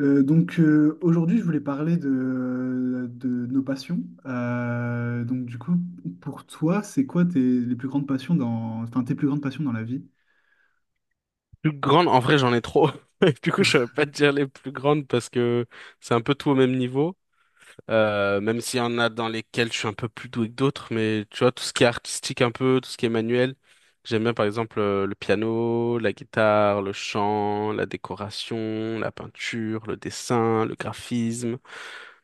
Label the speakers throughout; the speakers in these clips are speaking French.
Speaker 1: Donc aujourd'hui, je voulais parler de nos passions. Donc du coup, pour toi, c'est quoi tes les plus grandes passions dans, enfin tes plus grandes passions dans la vie?
Speaker 2: Plus grande, en vrai, j'en ai trop. Et du coup, je ne pas te dire les plus grandes parce que c'est un peu tout au même niveau. Même s'il y en a dans lesquelles je suis un peu plus doué que d'autres, mais tu vois, tout ce qui est artistique un peu, tout ce qui est manuel, j'aime bien par exemple le piano, la guitare, le chant, la décoration, la peinture, le dessin, le graphisme,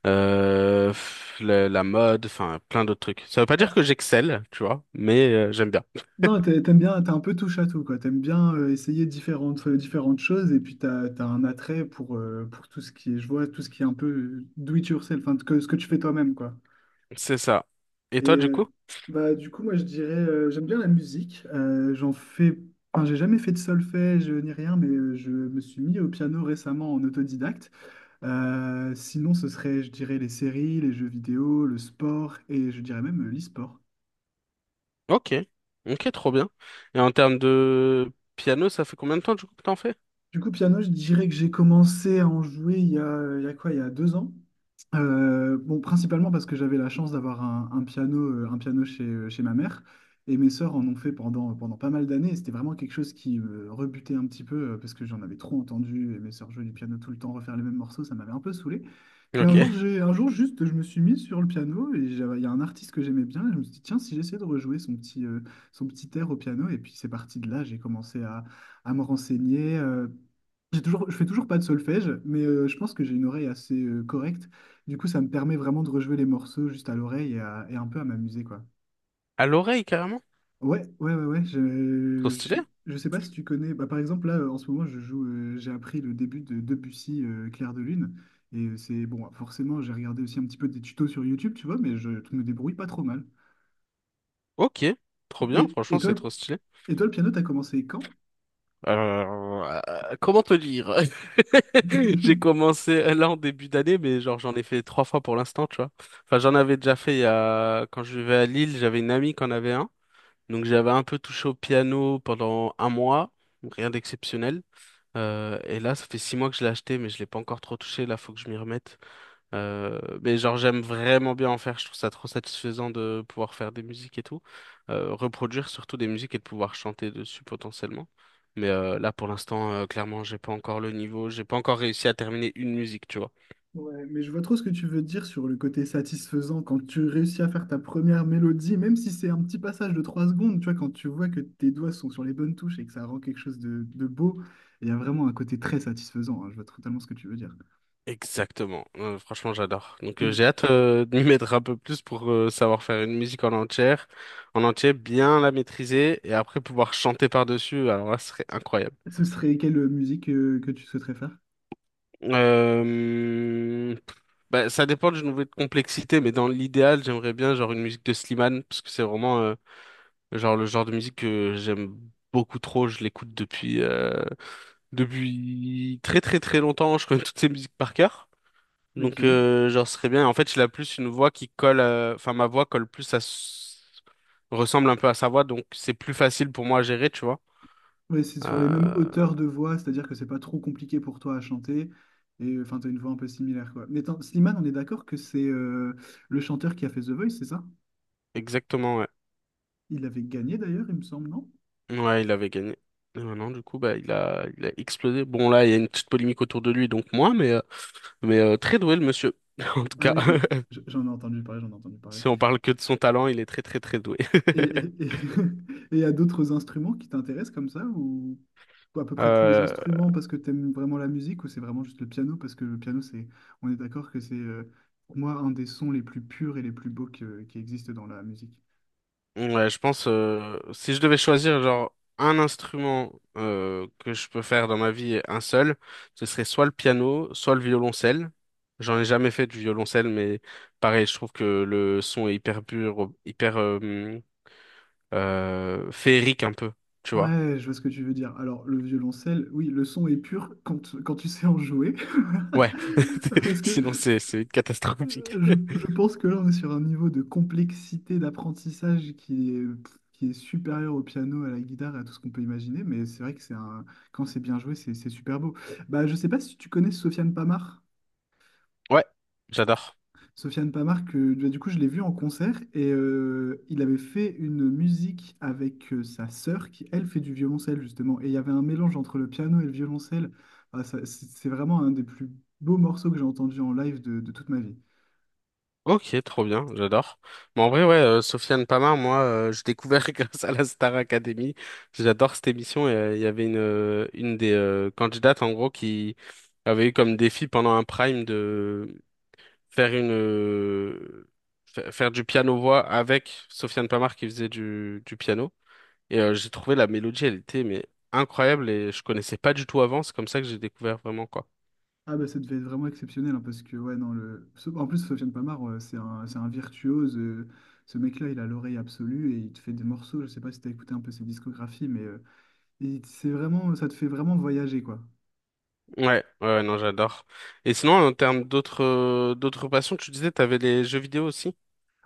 Speaker 2: la mode, enfin plein d'autres trucs. Ça veut pas
Speaker 1: Ah,
Speaker 2: dire que j'excelle, tu vois, mais j'aime bien.
Speaker 1: non, t'aimes bien, t'es un peu touche à tout quoi. T'aimes bien essayer différentes choses et puis t'as un attrait pour tout ce qui est, je vois tout ce qui est un peu do it yourself, enfin que, ce que tu fais toi-même quoi.
Speaker 2: C'est ça. Et
Speaker 1: Et
Speaker 2: toi, du coup?
Speaker 1: bah, du coup, moi, je dirais, j'aime bien la musique. J'en fais, enfin, j'ai jamais fait de solfège ni rien, mais je me suis mis au piano récemment en autodidacte. Sinon, ce serait, je dirais, les séries, les jeux vidéo, le sport et je dirais même l'e-sport.
Speaker 2: Ok, ok, trop bien. Et en termes de piano, ça fait combien de temps du coup que t'en fais?
Speaker 1: Du coup, piano, je dirais que j'ai commencé à en jouer il y a quoi, il y a 2 ans. Bon, principalement parce que j'avais la chance d'avoir un piano, un piano chez ma mère, et mes sœurs en ont fait pendant pas mal d'années, et c'était vraiment quelque chose qui me rebutait un petit peu, parce que j'en avais trop entendu, et mes sœurs jouaient du piano tout le temps, refaire les mêmes morceaux, ça m'avait un peu saoulé. Puis un
Speaker 2: Ok.
Speaker 1: jour, un jour juste, je me suis mis sur le piano, et il y a un artiste que j'aimais bien, et je me suis dit, tiens, si j'essaie de rejouer son petit air au piano, et puis c'est parti de là, j'ai commencé à, me renseigner. J'ai toujours, je fais toujours pas de solfège, mais je pense que j'ai une oreille assez correcte du coup, ça me permet vraiment de rejouer les morceaux juste à l'oreille et un peu à m'amuser, quoi.
Speaker 2: À l'oreille carrément?
Speaker 1: Ouais, ouais, ouais, ouais.
Speaker 2: Trop
Speaker 1: Je, je,
Speaker 2: stylé.
Speaker 1: je sais pas si tu connais. Bah, par exemple, là, en ce moment, je joue. J'ai appris le début de Debussy, Clair de Lune. Et c'est bon, forcément, j'ai regardé aussi un petit peu des tutos sur YouTube, tu vois, mais je me débrouille pas trop mal.
Speaker 2: Ok, trop bien,
Speaker 1: Et, et
Speaker 2: franchement
Speaker 1: toi,
Speaker 2: c'est trop
Speaker 1: le,
Speaker 2: stylé.
Speaker 1: et toi, le piano, t'as commencé quand?
Speaker 2: Alors, comment te dire? J'ai commencé là en début d'année, mais genre j'en ai fait trois fois pour l'instant, tu vois. Enfin j'en avais déjà fait il y a, quand je vivais à Lille, j'avais une amie qui en avait un. Donc j'avais un peu touché au piano pendant un mois, rien d'exceptionnel. Et là, ça fait 6 mois que je l'ai acheté, mais je l'ai pas encore trop touché. Là, faut que je m'y remette. Mais genre j'aime vraiment bien en faire, je trouve ça trop satisfaisant de pouvoir faire des musiques et tout. Reproduire surtout des musiques et de pouvoir chanter dessus potentiellement. Mais là pour l'instant clairement j'ai pas encore le niveau, j'ai pas encore réussi à terminer une musique, tu vois.
Speaker 1: Ouais, mais je vois trop ce que tu veux dire sur le côté satisfaisant quand tu réussis à faire ta première mélodie, même si c'est un petit passage de 3 secondes, tu vois, quand tu vois que tes doigts sont sur les bonnes touches et que ça rend quelque chose de beau, il y a vraiment un côté très satisfaisant, hein, je vois totalement ce que tu veux dire.
Speaker 2: Exactement. Franchement j'adore. Donc
Speaker 1: Et du-
Speaker 2: j'ai hâte de m'y mettre un peu plus pour savoir faire une musique en entière, en entier, bien la maîtriser et après pouvoir chanter par-dessus, alors là ce serait incroyable.
Speaker 1: Ce serait quelle musique que tu souhaiterais faire?
Speaker 2: Euh, Bah, ça dépend du niveau de complexité, mais dans l'idéal, j'aimerais bien genre une musique de Slimane, parce que c'est vraiment genre le genre de musique que j'aime beaucoup trop. Je l'écoute depuis très très très longtemps. Je connais toutes ses musiques par cœur, donc
Speaker 1: Ok.
Speaker 2: genre ce serait bien. En fait, il a plus une voix qui colle, enfin ma voix colle plus ressemble un peu à sa voix, donc c'est plus facile pour moi à gérer, tu vois.
Speaker 1: Ouais, c'est sur les mêmes
Speaker 2: Euh,
Speaker 1: hauteurs de voix, c'est-à-dire que c'est pas trop compliqué pour toi à chanter. Et enfin, t'as une voix un peu similaire, quoi. Mais attends, Slimane, on est d'accord que c'est le chanteur qui a fait The Voice, c'est ça?
Speaker 2: Exactement. Ouais.
Speaker 1: Il avait gagné d'ailleurs, il me semble, non?
Speaker 2: Ouais, il avait gagné. Et maintenant, du coup, bah, il a explosé. Bon, là, il y a une petite polémique autour de lui, donc moi, mais, très doué, le monsieur. En tout
Speaker 1: Ah
Speaker 2: cas,
Speaker 1: oui, j'en ai entendu parler, j'en ai entendu parler.
Speaker 2: si on parle que de son talent, il est très, très, très doué.
Speaker 1: Et et- et- et il y a d'autres instruments qui t'intéressent comme ça, ou à peu près tous les
Speaker 2: Euh,
Speaker 1: instruments parce que t'aimes vraiment la musique, ou c'est vraiment juste le piano, parce que le piano, c'est, on est d'accord que c'est pour moi un des sons les plus purs et les plus beaux qui existent dans la musique.
Speaker 2: ouais, je pense. Si je devais choisir, genre, un instrument que je peux faire dans ma vie, un seul, ce serait soit le piano, soit le violoncelle. J'en ai jamais fait du violoncelle, mais pareil, je trouve que le son est hyper pur, hyper féerique un peu, tu vois.
Speaker 1: Ouais, je vois ce que tu veux dire. Alors, le violoncelle, oui, le son est pur quand tu sais en jouer.
Speaker 2: Ouais,
Speaker 1: Parce que
Speaker 2: sinon c'est catastrophique.
Speaker 1: je pense que là, on est sur un niveau de complexité d'apprentissage qui est supérieur au piano, à la guitare et à tout ce qu'on peut imaginer. Mais c'est vrai que c'est un, quand c'est bien joué, c'est super beau. Bah, je sais pas si tu connais Sofiane Pamar.
Speaker 2: Ouais, j'adore.
Speaker 1: Sofiane Pamart, que bah, du coup je l'ai vu en concert et il avait fait une musique avec sa sœur qui elle fait du violoncelle justement et il y avait un mélange entre le piano et le violoncelle. Ah, ça, c'est vraiment un des plus beaux morceaux que j'ai entendu en live de toute ma vie.
Speaker 2: Ok, trop bien, j'adore. Mais en vrai, ouais, Sofiane Pamar, moi, j'ai découvert grâce à la Star Academy. J'adore cette émission. Il y avait une des candidates en gros qui avait eu comme défi pendant un prime de faire une euh, faire du piano voix avec Sofiane Pamar qui faisait du piano. J'ai trouvé la mélodie, elle était mais incroyable et je connaissais pas du tout avant. C'est comme ça que j'ai découvert vraiment quoi.
Speaker 1: Ah bah ça devait être vraiment exceptionnel hein, parce que ouais non en plus Sofiane Pamart c'est un virtuose ce mec-là il a l'oreille absolue et il te fait des morceaux je sais pas si t'as écouté un peu ses discographies mais c'est vraiment ça te fait vraiment voyager quoi.
Speaker 2: Ouais, ouais, non, j'adore. Et sinon, en termes d'autres passions, tu disais, t'avais les jeux vidéo aussi?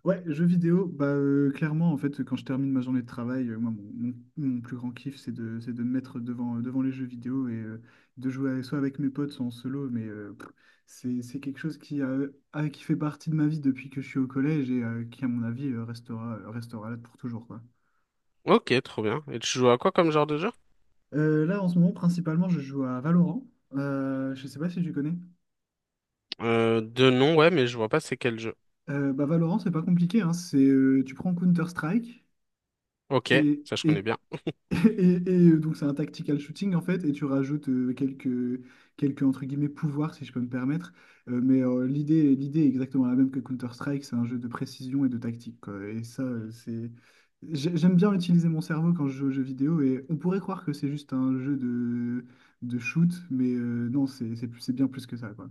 Speaker 1: Ouais, jeux vidéo, bah clairement en fait quand je termine ma journée de travail, moi mon plus grand kiff c'est de me mettre devant les jeux vidéo et de jouer soit avec mes potes, soit en solo, mais c'est quelque chose qui fait partie de ma vie depuis que je suis au collège et qui à mon avis restera là pour toujours quoi.
Speaker 2: Ok, trop bien. Et tu joues à quoi comme genre de jeu?
Speaker 1: Là en ce moment principalement je joue à Valorant. Je sais pas si tu connais.
Speaker 2: De nom, ouais, mais je vois pas c'est quel jeu.
Speaker 1: Bah Valorant c'est pas compliqué, hein. C'est, tu prends Counter-Strike.
Speaker 2: Ok,
Speaker 1: Et,
Speaker 2: ça je connais
Speaker 1: et
Speaker 2: bien.
Speaker 1: et donc c'est un tactical shooting en fait, et tu rajoutes quelques entre guillemets pouvoirs si je peux me permettre. Mais l'idée est exactement la même que Counter-Strike, c'est un jeu de précision et de tactique, quoi. Et ça, c'est. J'aime bien utiliser mon cerveau quand je joue aux jeux vidéo, et on pourrait croire que c'est juste un jeu de shoot, mais non, c'est bien plus que ça, quoi.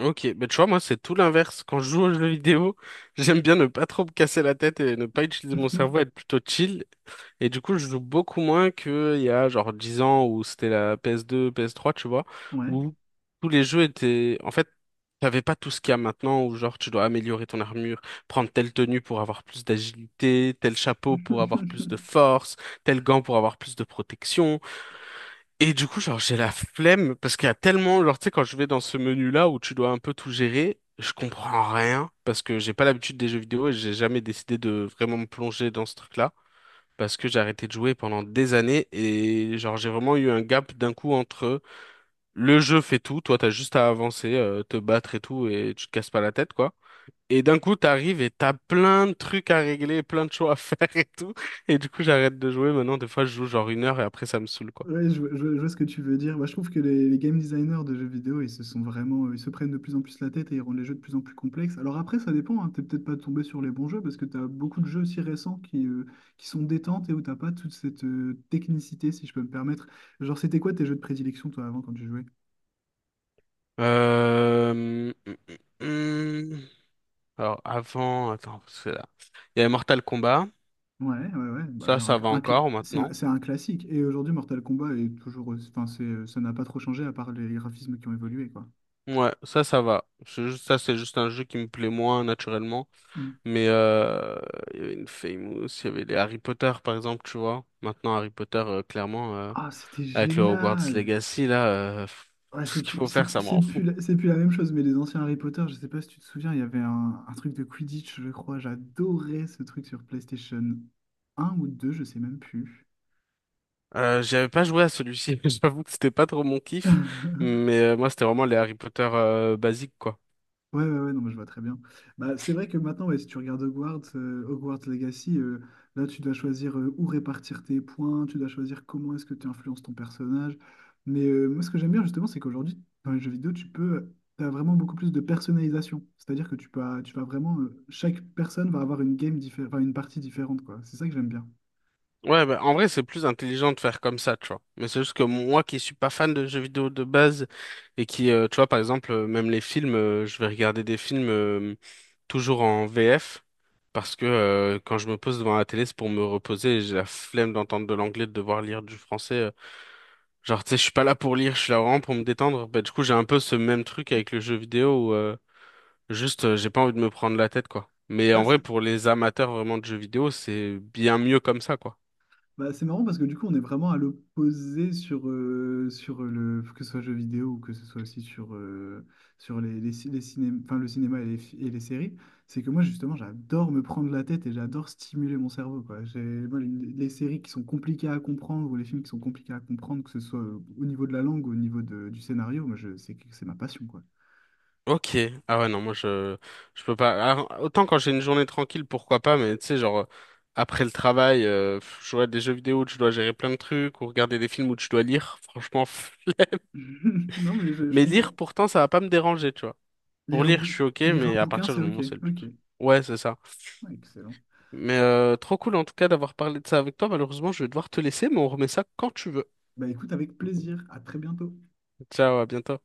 Speaker 2: Ok, bah tu vois, moi c'est tout l'inverse. Quand je joue aux jeux vidéo, j'aime bien ne pas trop me casser la tête et ne pas utiliser mon cerveau, être plutôt chill. Et du coup, je joue beaucoup moins qu'il y a genre 10 ans où c'était la PS2, PS3, tu vois,
Speaker 1: Ouais.
Speaker 2: où tous les jeux étaient. En fait, t'avais pas tout ce qu'il y a maintenant, où genre tu dois améliorer ton armure, prendre telle tenue pour avoir plus d'agilité, tel chapeau pour avoir plus de force, tel gant pour avoir plus de protection. Et du coup, genre, j'ai la flemme, parce qu'il y a tellement. Genre, tu sais, quand je vais dans ce menu-là où tu dois un peu tout gérer, je comprends rien, parce que j'ai pas l'habitude des jeux vidéo et j'ai jamais décidé de vraiment me plonger dans ce truc-là parce que j'ai arrêté de jouer pendant des années et genre j'ai vraiment eu un gap d'un coup entre le jeu fait tout, toi t'as juste à avancer, te battre et tout et tu te casses pas la tête quoi. Et d'un coup t'arrives et t'as plein de trucs à régler, plein de choses à faire et tout. Et du coup j'arrête de jouer maintenant. Des fois je joue genre 1 heure et après ça me saoule quoi.
Speaker 1: Ouais, je vois ce que tu veux dire. Moi je trouve que les game designers de jeux vidéo, ils se sont vraiment, ils se prennent de plus en plus la tête et ils rendent les jeux de plus en plus complexes. Alors après, ça dépend, hein, t'es peut-être pas tombé sur les bons jeux parce que tu as beaucoup de jeux aussi récents qui sont détentes et où t'as pas toute cette technicité, si je peux me permettre. Genre, c'était quoi tes jeux de prédilection, toi, avant, quand tu jouais?
Speaker 2: Hum, hum, hum. Alors avant, attends, parce que là, il y a Mortal Kombat.
Speaker 1: Ouais, ouais, ouais. Bah,
Speaker 2: Ça, ça va
Speaker 1: un cl-
Speaker 2: encore maintenant.
Speaker 1: c'est un classique. Et aujourd'hui, Mortal Kombat est toujours, enfin, c'est, ça n'a pas trop changé à part les graphismes qui ont évolué, quoi.
Speaker 2: Ouais, ça va. Ça, c'est juste un jeu qui me plaît moins naturellement.
Speaker 1: Mm.
Speaker 2: Mais euh, il y avait une Famous, il y avait les Harry Potter par exemple, tu vois. Maintenant, Harry Potter, clairement,
Speaker 1: Ah, c'était
Speaker 2: avec le Hogwarts
Speaker 1: génial!
Speaker 2: Legacy, là,
Speaker 1: Ouais,
Speaker 2: tout
Speaker 1: c'est
Speaker 2: ce qu'il
Speaker 1: plus,
Speaker 2: faut
Speaker 1: c'est
Speaker 2: faire,
Speaker 1: plus,
Speaker 2: ça m'en fout.
Speaker 1: c'est plus la même chose, mais les anciens Harry Potter, je sais pas si tu te souviens, il y avait un truc de Quidditch, je crois. J'adorais ce truc sur PlayStation 1 ou 2 je sais même plus.
Speaker 2: J'avais pas joué à celui-ci, j'avoue que c'était pas trop mon kiff, mais moi c'était vraiment les Harry Potter basiques quoi.
Speaker 1: Ouais, ouais, ouais, non, mais je vois très bien. Bah, c'est vrai que maintenant, ouais, si tu regardes Hogwarts, Hogwarts Legacy, là, tu dois choisir où répartir tes points, tu dois choisir comment est-ce que tu influences ton personnage. Mais moi, ce que j'aime bien, justement, c'est qu'aujourd'hui, dans les jeux vidéo, tu peux, t'as vraiment beaucoup plus de personnalisation. C'est-à-dire que tu peux, tu vas vraiment, chaque personne va avoir une game différente, une partie différente, quoi. C'est ça que j'aime bien.
Speaker 2: Ouais, bah, en vrai c'est plus intelligent de faire comme ça, tu vois. Mais c'est juste que moi qui suis pas fan de jeux vidéo de base et qui, tu vois, par exemple, même les films, je vais regarder des films, toujours en VF parce que quand je me pose devant la télé, c'est pour me reposer et j'ai la flemme d'entendre de l'anglais, de devoir lire du français. Genre, tu sais, je suis pas là pour lire, je suis là vraiment pour me détendre. Bah, du coup, j'ai un peu ce même truc avec le jeu vidéo où juste j'ai pas envie de me prendre la tête, quoi. Mais
Speaker 1: Ah,
Speaker 2: en vrai, pour les amateurs vraiment de jeux vidéo, c'est bien mieux comme ça, quoi.
Speaker 1: bah, c'est marrant parce que du coup, on est vraiment à l'opposé sur, sur le, que ce soit jeux vidéo ou que ce soit aussi sur, sur les, ci- les ciné- enfin, le cinéma et et les séries. C'est que moi, justement, j'adore me prendre la tête et j'adore stimuler mon cerveau, quoi. J'ai, moi, les séries qui sont compliquées à comprendre ou les films qui sont compliqués à comprendre, que ce soit au niveau de la langue ou au niveau du scénario, moi, c'est ma passion, quoi.
Speaker 2: Ok. Ah ouais, non, moi je peux pas. Alors, autant quand j'ai une journée tranquille, pourquoi pas, mais tu sais, genre après le travail, jouer à des jeux vidéo où je dois gérer plein de trucs, ou regarder des films où je dois lire, franchement. Pff.
Speaker 1: Non, mais je
Speaker 2: Mais lire,
Speaker 1: comprends.
Speaker 2: pourtant, ça va pas me déranger, tu vois. Pour
Speaker 1: Lire un
Speaker 2: lire, je
Speaker 1: bou-
Speaker 2: suis ok,
Speaker 1: Lire un
Speaker 2: mais à
Speaker 1: bouquin,
Speaker 2: partir du
Speaker 1: c'est OK.
Speaker 2: moment où c'est le
Speaker 1: OK.
Speaker 2: but. Ouais, c'est ça.
Speaker 1: Ouais, excellent.
Speaker 2: Trop cool en tout cas d'avoir parlé de ça avec toi. Malheureusement, je vais devoir te laisser, mais on remet ça quand tu veux.
Speaker 1: Bah, écoute, avec plaisir. À très bientôt.
Speaker 2: Ciao, à bientôt.